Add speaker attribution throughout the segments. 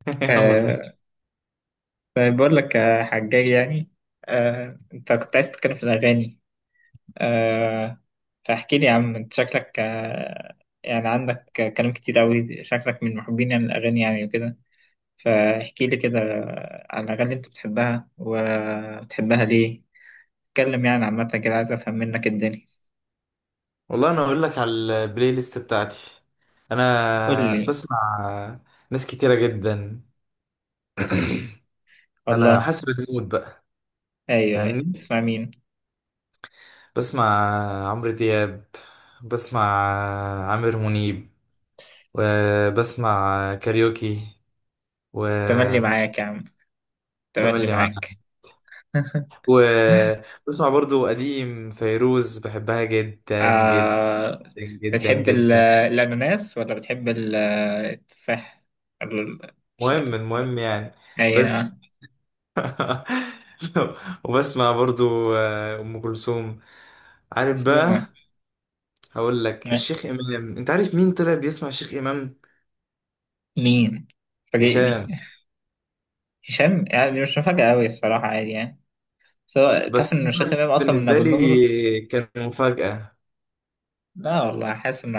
Speaker 1: يلا طيب.
Speaker 2: آه. طيب بقول لك يا حجاج، يعني. آه، انت كنت عايز تتكلم في الأغاني. آه. فاحكي لي يا عم، انت شكلك يعني عندك كلام كتير قوي، شكلك من محبين يعني الأغاني يعني وكده. فاحكي لي كده عن الأغاني اللي انت بتحبها وبتحبها ليه. اتكلم يعني عامة كده، عايز أفهم منك الدنيا.
Speaker 1: والله انا اقول لك على البلاي ليست بتاعتي.
Speaker 2: قول
Speaker 1: انا
Speaker 2: لي.
Speaker 1: بسمع ناس كتيره جدا، على
Speaker 2: والله.
Speaker 1: حسب المود بقى،
Speaker 2: أيوه أيوه،
Speaker 1: فاهمني؟
Speaker 2: تسمع مين؟
Speaker 1: بسمع عمرو دياب، بسمع عامر منيب، وبسمع كاريوكي
Speaker 2: تملي
Speaker 1: وتملي
Speaker 2: معاك يا عم، تملي
Speaker 1: معاك.
Speaker 2: معاك.
Speaker 1: وبسمع برضو قديم فيروز، بحبها جدا جدا
Speaker 2: آه،
Speaker 1: جدا
Speaker 2: بتحب
Speaker 1: جدا.
Speaker 2: الأناناس ولا بتحب التفاح؟ ال- ش-
Speaker 1: المهم يعني، بس.
Speaker 2: أيوة.
Speaker 1: وبسمع برضو ام كلثوم، عارف
Speaker 2: سوما.
Speaker 1: بقى؟ هقول لك الشيخ امام، انت عارف مين طلع بيسمع الشيخ امام؟
Speaker 2: مين؟ فاجئني.
Speaker 1: هشام.
Speaker 2: هشام يعني مش مفاجأة أوي الصراحة، عادي يعني. بس هو، تعرف
Speaker 1: بس
Speaker 2: إن الشيخ
Speaker 1: أنا
Speaker 2: إمام أصلا من
Speaker 1: بالنسبه
Speaker 2: أبو النمرس؟
Speaker 1: لي كان مفاجاه.
Speaker 2: لا والله، حاسس إنه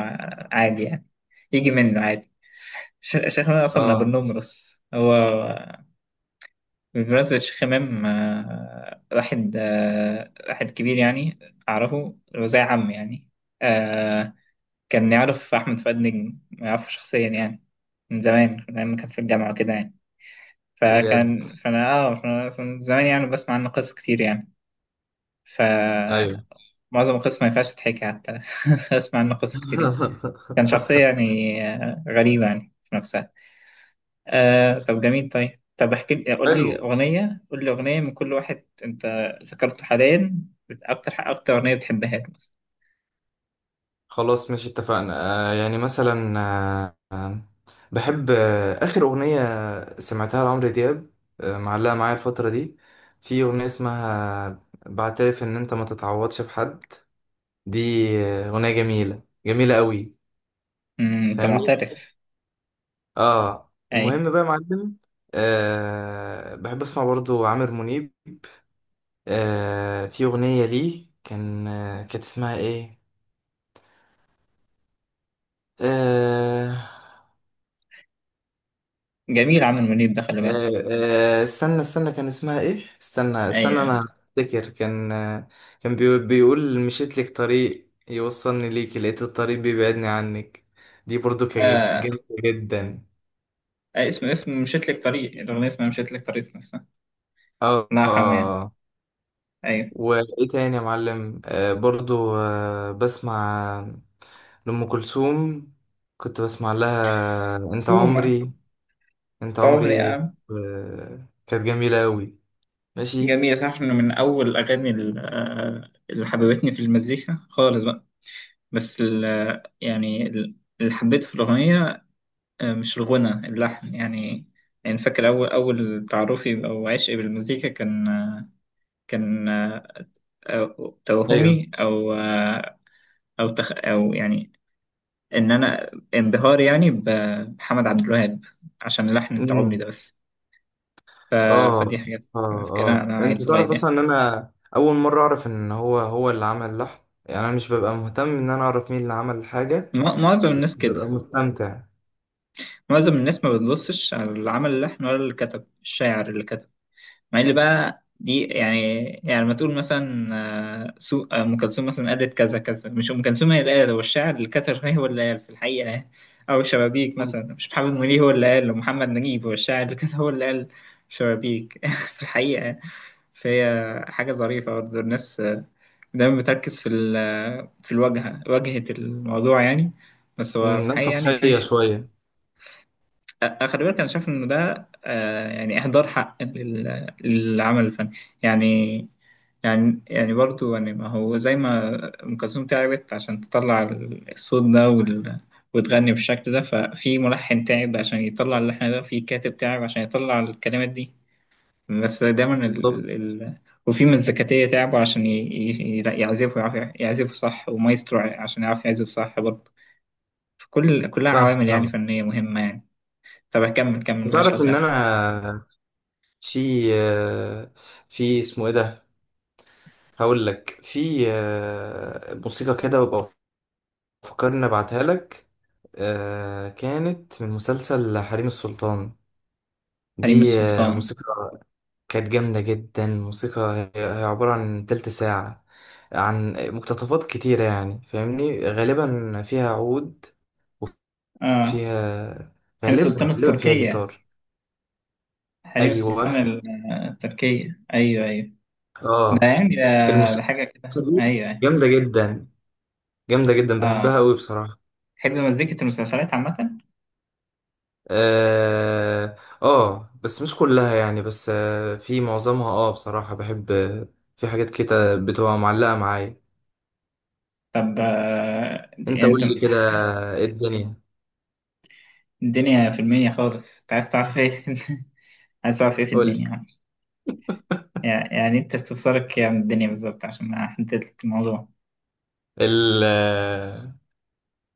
Speaker 2: عادي يعني، يجي منه عادي. الشيخ إمام أصلا من أبو
Speaker 1: اه،
Speaker 2: النمرس هو. بمناسبة شيخ إمام، واحد، واحد كبير يعني. أعرفه، هو زي عم يعني. آه، كان يعرف أحمد فؤاد نجم، يعرفه شخصيا يعني، من زمان من أيام ما كان في الجامعة وكده يعني.
Speaker 1: بجد.
Speaker 2: فكان فأنا آه فأنا من زمان يعني بسمع عنه قصص كتير يعني.
Speaker 1: ايوه.
Speaker 2: فمعظم القصص ما ينفعش تتحكي حتى بسمع عنه قصص كتير يعني. كان شخصية يعني غريبة يعني في نفسها. آه طب جميل. طيب طب احكي لي، قول
Speaker 1: حلو.
Speaker 2: لي أغنية، قول لي أغنية من كل واحد أنت ذكرته حاليا. أكتر أكتر أغنية بتحبها لك مثلا.
Speaker 1: خلاص ماشي، اتفقنا. يعني مثلا بحب آخر أغنية سمعتها لعمرو دياب، معلقة معايا الفترة دي. في أغنية اسمها بعترف إن أنت ما تتعوضش بحد. دي أغنية جميلة جميلة قوي.
Speaker 2: أنت
Speaker 1: فاهمني؟
Speaker 2: معترف. أي.
Speaker 1: المهم بقى يا معلم. بحب أسمع برضو عامر منيب. في أغنية ليه كان كانت اسمها إيه؟ آه،
Speaker 2: جميل، عامر منيب ده خلي بالك.
Speaker 1: آه، استنى استنى كان اسمها ايه، استنى
Speaker 2: أيوه
Speaker 1: استنى
Speaker 2: أيوه.
Speaker 1: انا افتكر كان كان بيقول مشيت لك طريق يوصلني ليك، لقيت الطريق بيبعدني عنك. دي برضو كانت
Speaker 2: آه
Speaker 1: جامدة جدا.
Speaker 2: اسم مشيت لك طريق، الأغنية اسمها مشيت لك طريق نفسها.
Speaker 1: اه. آه.
Speaker 2: لا حمان.
Speaker 1: آه.
Speaker 2: أيوه.
Speaker 1: وايه تاني يا معلم؟ برضو بسمع لأم كلثوم، كنت بسمع لها انت
Speaker 2: شو ما.
Speaker 1: عمري، انت
Speaker 2: طبعا يا
Speaker 1: عمري،
Speaker 2: عم.
Speaker 1: كانت جميلة اوي. ماشي.
Speaker 2: جميل، صح إنه من أول الأغاني اللي حببتني في المزيكا خالص بقى. بس يعني اللي حبيته في الأغنية، مش الغنى، اللحن يعني. يعني فاكر أول أول تعرفي أو عشقي بالمزيكا كان، كان توهمي أو أو تخ أو يعني، إن أنا انبهاري يعني بحمد عبد الوهاب عشان لحن أنت عمري
Speaker 1: ايوه.
Speaker 2: ده بس. ف... فدي
Speaker 1: اه،
Speaker 2: حاجات.
Speaker 1: اه،
Speaker 2: فاكرها
Speaker 1: اه،
Speaker 2: أنا عيل
Speaker 1: انت تعرف
Speaker 2: صغير
Speaker 1: اصلا
Speaker 2: يعني.
Speaker 1: ان انا اول مره اعرف ان هو هو اللي عمل اللحن؟ يعني انا مش ببقى مهتم ان انا اعرف مين اللي عمل الحاجه،
Speaker 2: معظم الناس
Speaker 1: بس
Speaker 2: كده.
Speaker 1: ببقى مستمتع.
Speaker 2: معظم الناس ما بتبصش على اللي عمل اللحن ولا اللي كتب، الشاعر اللي كتب. مع ان بقى دي يعني، يعني لما تقول مثلا سو آه، ام كلثوم مثلا قالت كذا كذا، مش ام كلثوم هي اللي قال، هو الشاعر اللي كتر هي، هو اللي قال في الحقيقه يعني. او شبابيك مثلا، مش محمد منير هو اللي قال، ومحمد نجيب هو الشاعر اللي كتر هو اللي قال شبابيك في الحقيقه يعني. فهي حاجه ظريفه برضه، الناس دايما بتركز في في الواجهه، واجهه الموضوع يعني. بس هو في
Speaker 1: ناس
Speaker 2: الحقيقه يعني في
Speaker 1: سطحيه شويه.
Speaker 2: خلي بالك، انا شايف انه ده يعني اهدار حق للعمل الفني يعني. يعني يعني برضو يعني، ما هو زي ما ام كلثوم تعبت عشان تطلع الصوت ده وتغني بالشكل ده، ففي ملحن تعب عشان يطلع اللحن ده، في كاتب تعب عشان يطلع الكلمات دي. بس دايما
Speaker 1: بالظبط.
Speaker 2: وفي مزكاتية تعبوا عشان يعزفوا، يعرفوا يعزفوا صح، ومايسترو عشان يعرف يعزف صح برضه. كل كلها
Speaker 1: فاهم
Speaker 2: عوامل يعني
Speaker 1: فاهم.
Speaker 2: فنية مهمة يعني. طب كمل كمل،
Speaker 1: انت
Speaker 2: معلش
Speaker 1: تعرف ان
Speaker 2: قاطعتك.
Speaker 1: انا في في اسمه ايه ده، هقول لك في موسيقى كده وابقى فكرني ابعتها لك. كانت من مسلسل حريم السلطان.
Speaker 2: حريم
Speaker 1: دي
Speaker 2: السلطان.
Speaker 1: موسيقى كانت جامدة جدا. الموسيقى هي عبارة عن تلت ساعة، عن مقتطفات كتيرة يعني فاهمني، غالبا فيها عود،
Speaker 2: اه.
Speaker 1: وفيها
Speaker 2: حريم السلطان
Speaker 1: غالبا فيها
Speaker 2: التركية.
Speaker 1: جيتار.
Speaker 2: حريم
Speaker 1: أيوة.
Speaker 2: السلطان التركية، أيوه أيوه. ده
Speaker 1: اه.
Speaker 2: يعني ده، ده
Speaker 1: الموسيقى
Speaker 2: حاجة كده،
Speaker 1: دي
Speaker 2: أيوه أيوه.
Speaker 1: جامدة جدا، جامدة جدا،
Speaker 2: اه.
Speaker 1: بحبها أوي بصراحة.
Speaker 2: تحب مزيكة المسلسلات عامة؟
Speaker 1: اه، بس مش كلها يعني، بس في معظمها اه بصراحة بحب. في حاجات كده بتبقى معلقة معايا.
Speaker 2: طب آه دي،
Speaker 1: انت
Speaker 2: يعني
Speaker 1: قول
Speaker 2: أنت.
Speaker 1: لي كده إيه الدنيا.
Speaker 2: الدنيا في المنيا خالص، أنت عايز تعرف إيه؟ عايز تعرف إيه في
Speaker 1: قول.
Speaker 2: الدنيا يعني؟ يعني أنت استفسارك يعني الدنيا بالظبط عشان أحدد لك الموضوع.
Speaker 1: ال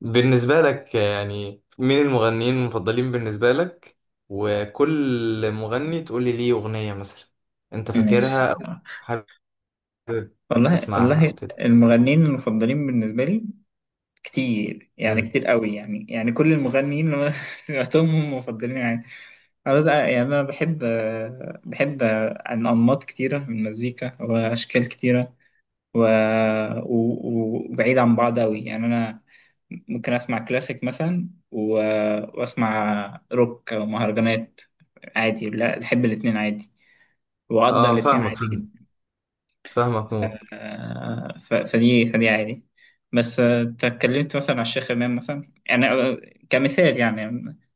Speaker 1: بالنسبة لك يعني، مين المغنيين المفضلين بالنسبة لك؟ وكل مغني تقول لي ليه أغنية مثلا أنت
Speaker 2: ماشي
Speaker 1: فاكرها أو
Speaker 2: آه.
Speaker 1: حابب
Speaker 2: والله
Speaker 1: تسمعها
Speaker 2: والله.
Speaker 1: أو كده.
Speaker 2: المغنيين المفضلين بالنسبة لي كتير يعني،
Speaker 1: مم.
Speaker 2: كتير قوي يعني، يعني كل المغنيين اللي أنا سمعتهم هم مفضلين يعني. يعني انا بحب بحب عن انماط كتيره من المزيكا واشكال كتيره و... و... وبعيد عن بعض قوي يعني. انا ممكن اسمع كلاسيك مثلا واسمع روك او مهرجانات عادي، لا بحب الاتنين عادي، وأقدر
Speaker 1: اه،
Speaker 2: الاتنين
Speaker 1: فاهمك
Speaker 2: عادي
Speaker 1: فاهمك،
Speaker 2: جدا.
Speaker 1: فاهمك موت.
Speaker 2: فدي فدي عادي. بس أنت اتكلمت مثلا على الشيخ إمام مثلا، يعني أنا كمثال يعني،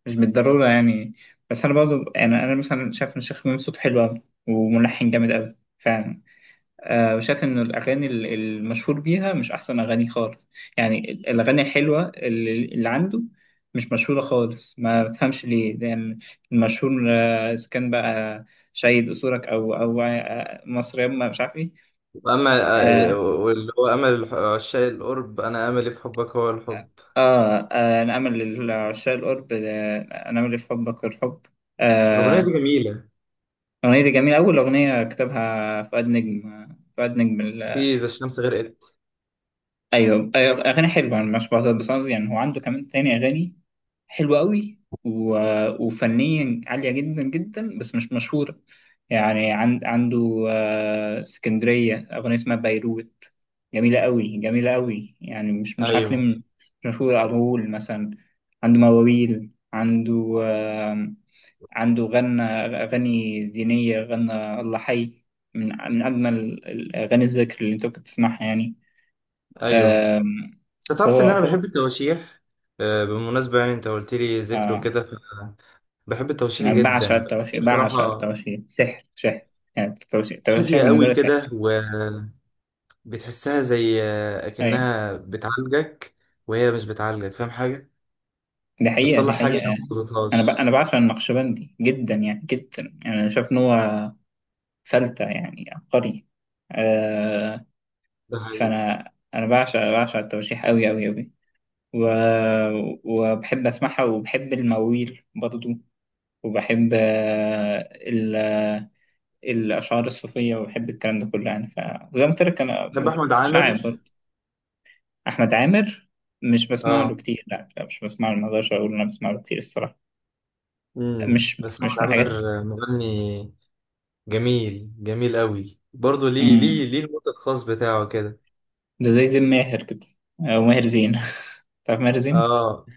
Speaker 2: مش بالضرورة يعني. بس أنا برضه أنا مثلا شايف إن الشيخ إمام صوته حلو أوي وملحن جامد أوي فعلا. وشايف إن الأغاني المشهور بيها مش أحسن أغاني خالص، يعني الأغاني الحلوة اللي عنده مش مشهورة خالص، ما بتفهمش ليه، لأن المشهور إذا كان بقى شهيد أصولك أو مصر يما مش عارف إيه.
Speaker 1: أما
Speaker 2: آه،
Speaker 1: واللي هو أمل عشاق القرب، أنا أملي في حبك هو الحب.
Speaker 2: آه نعمل لعشاق القرب، نعمل لحبك الحب.
Speaker 1: الأغنية دي
Speaker 2: آه.
Speaker 1: جميلة.
Speaker 2: الأغنية دي جميلة، أول أغنية كتبها فؤاد نجم، فؤاد نجم
Speaker 1: في إذا الشمس غرقت.
Speaker 2: أيوه أيوة. أغاني حلوة، أنا مش بعترض، بس قصدي يعني هو عنده كمان تاني أغاني حلوة قوي وفنيا عالية جدا جدا، بس مش مشهورة. يعني عنده اسكندرية، أغنية اسمها بيروت، جميلة قوي جميلة قوي، يعني مش مش عارف ليه
Speaker 1: أيوه
Speaker 2: مش مشهورة. أغول مثلا عنده مواويل، عنده عنده غنى أغاني دينية، غنى الله حي، من من أجمل الأغاني، الذكر اللي أنت ممكن تسمعها يعني.
Speaker 1: أيوه.
Speaker 2: آم،
Speaker 1: أنت تعرف إن
Speaker 2: فهو
Speaker 1: أنا
Speaker 2: فهو
Speaker 1: بحب التواشيح؟ بالمناسبة يعني أنت قلت لي ذكره
Speaker 2: آه،
Speaker 1: كده، بحب التوشيح
Speaker 2: أنا بعشق
Speaker 1: جدا، بس هي
Speaker 2: التواشيح، بعشق
Speaker 1: بصراحة
Speaker 2: التواشيح، سحر سحر، يعني التواشيح، التواشيح
Speaker 1: هادية
Speaker 2: بالنسبة
Speaker 1: قوي
Speaker 2: لي سحر.
Speaker 1: كده، وبتحسها زي
Speaker 2: أيوة.
Speaker 1: أكنها بتعالجك، وهي مش بتعالجك. فاهم حاجة؟
Speaker 2: دي حقيقة، دي
Speaker 1: بتصلح حاجة
Speaker 2: حقيقة
Speaker 1: لو ما
Speaker 2: يعني. أنا ب...
Speaker 1: بوظتهاش.
Speaker 2: أنا بعشق النقشبندي جدا يعني، جدا يعني، أنا شايف إن هو فلتة يعني، عبقري. آه...
Speaker 1: ده حقيقي.
Speaker 2: فأنا بعشق بعشق التواشيح أوي أوي أوي، و... وبحب أسمعها، وبحب المواويل برضو، وبحب الأشعار الصوفية، وبحب الكلام ده كله يعني، فزي ما قلت لك أنا
Speaker 1: بحب أحمد عامر.
Speaker 2: متشعب. احمد عامر. مش بسمع له
Speaker 1: اه.
Speaker 2: كتير، لا لا، مش بسمع له، ما اقدرش اقول إن انا بسمع له كتير الصراحه، مش
Speaker 1: بس أحمد
Speaker 2: مش من الحاجات.
Speaker 1: عامر مغني جميل، جميل قوي برضه. ليه ليه
Speaker 2: امم
Speaker 1: ليه الموت الخاص بتاعه كده؟
Speaker 2: ده زي زين ماهر كده، او ماهر زين. تعرف ماهر زين.
Speaker 1: اه.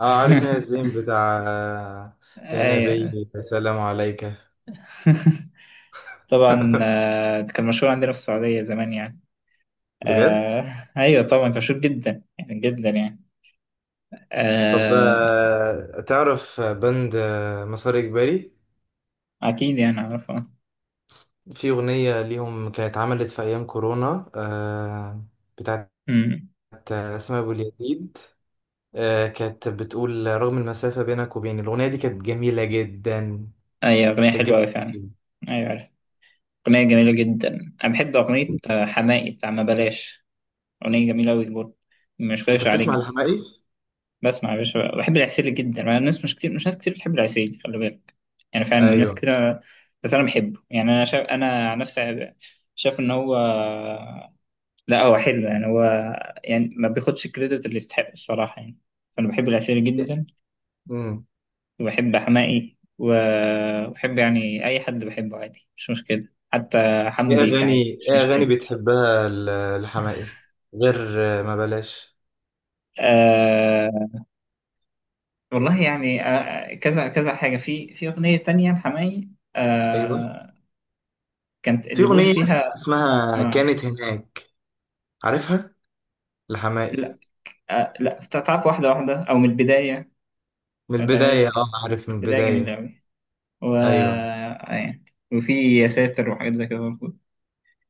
Speaker 1: اه، عارف ماهر زين بتاع يا
Speaker 2: ايوه.
Speaker 1: نبي السلام عليك.
Speaker 2: طبعا، كان مشهور عندنا في السعوديه زمان يعني.
Speaker 1: بجد؟
Speaker 2: آه. ايوه طبعا كان مشهور جدا يعني، جدا يعني.
Speaker 1: طب
Speaker 2: آه.
Speaker 1: تعرف بند مسار إجباري؟
Speaker 2: اكيد يعني اعرفه.
Speaker 1: في أغنية ليهم كانت اتعملت في أيام كورونا، بتاعت
Speaker 2: امم
Speaker 1: أسماء أبو اليزيد. كانت بتقول رغم المسافة بينك وبيني. الأغنية دي كانت جميلة جدا،
Speaker 2: ايوه، اغنيه
Speaker 1: كانت
Speaker 2: حلوه
Speaker 1: جميلة
Speaker 2: قوي فعلا.
Speaker 1: جداً.
Speaker 2: ايوه عارف، اغنيه جميله جدا. انا بحب اغنيه حماقي، بتاع ما بلاش، أغنية جميلة أوي برضه، مش
Speaker 1: أنت
Speaker 2: غايش عليك
Speaker 1: بتسمع
Speaker 2: جدا.
Speaker 1: الحماقي؟
Speaker 2: بسمع يا باشا، بحب العسيلي جدا، مع الناس مش كتير، مش ناس كتير بتحب العسيلي، خلي بالك، يعني فعلا الناس
Speaker 1: أيوه.
Speaker 2: كده. بس أنا بحبه يعني، أنا شايف أنا عن نفسي، شايف إن هو، لا هو حلو يعني، هو يعني ما بياخدش الكريدت اللي يستحق الصراحة يعني، فأنا بحب العسيلي جدا.
Speaker 1: مم.
Speaker 2: وبحب حماقي وبحب يعني أي حد، بحبه عادي مش مشكلة، حتى
Speaker 1: إيه
Speaker 2: حمو بيك
Speaker 1: أغاني
Speaker 2: عادي مش
Speaker 1: إيه أغاني
Speaker 2: مشكلة.
Speaker 1: بتحبها الحماقي، غير ما بلاش؟
Speaker 2: آه، والله يعني كذا كذا حاجة، في في أغنية تانية لحماقي.
Speaker 1: أيوه.
Speaker 2: آه كانت
Speaker 1: في
Speaker 2: اللي بيقول
Speaker 1: أغنية
Speaker 2: فيها.
Speaker 1: اسمها
Speaker 2: آه.
Speaker 1: كانت هناك، عارفها الحماقي؟
Speaker 2: لا. آه لا تعرف، واحدة واحدة أو من البداية.
Speaker 1: من
Speaker 2: ولا غير ده
Speaker 1: البداية.
Speaker 2: كده.
Speaker 1: اه، عارف
Speaker 2: من
Speaker 1: من
Speaker 2: البداية جميلة
Speaker 1: البداية.
Speaker 2: أوي و
Speaker 1: ايوه
Speaker 2: آه، يعني. وفي يا ساتر وحاجات زي كده برضه.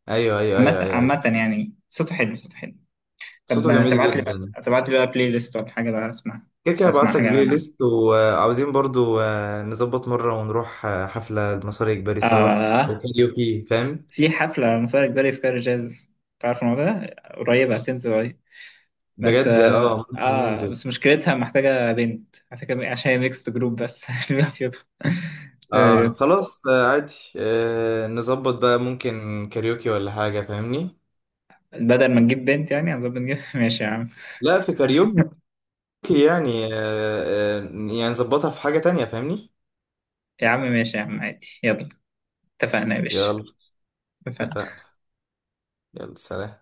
Speaker 1: ايوه ايوه
Speaker 2: عامة
Speaker 1: ايوه ايوه، أيوة.
Speaker 2: عامة يعني صوته حلو، صوته حلو. طب
Speaker 1: صوته
Speaker 2: ما
Speaker 1: جميل
Speaker 2: تبعت لي
Speaker 1: جدا.
Speaker 2: بقى، تبعت لي بقى بلاي ليست ولا حاجة بقى أسمع،
Speaker 1: كده كده
Speaker 2: أسمع
Speaker 1: هبعت لك
Speaker 2: حاجة
Speaker 1: بلاي
Speaker 2: من عندك.
Speaker 1: ليست، وعاوزين برضو نظبط مرة ونروح حفلة المصري الإجباري سوا، او
Speaker 2: آه،
Speaker 1: كاريوكي فاهم.
Speaker 2: في حفلة مسار إجباري في كار جاز، تعرف الموضوع ده، قريبة هتنزل قريب. بس
Speaker 1: بجد.
Speaker 2: اه
Speaker 1: اه، ممكن ننزل.
Speaker 2: بس مشكلتها محتاجة بنت، محتاجة عشان هي ميكست جروب بس اللي بيبقى فيهم.
Speaker 1: اه خلاص، عادي. نظبط بقى، ممكن كاريوكي ولا حاجة فاهمني.
Speaker 2: بدل ما نجيب بنت يعني هنظبط نجيب ماشي يا عم.
Speaker 1: لا، في كاريوكي يعني يعني نظبطها في حاجة تانية فاهمني.
Speaker 2: يا عم ماشي يا عم، عادي، يلا اتفقنا يا باشا.
Speaker 1: يلا.
Speaker 2: اتفقنا.
Speaker 1: اتفقنا. يلا سلام.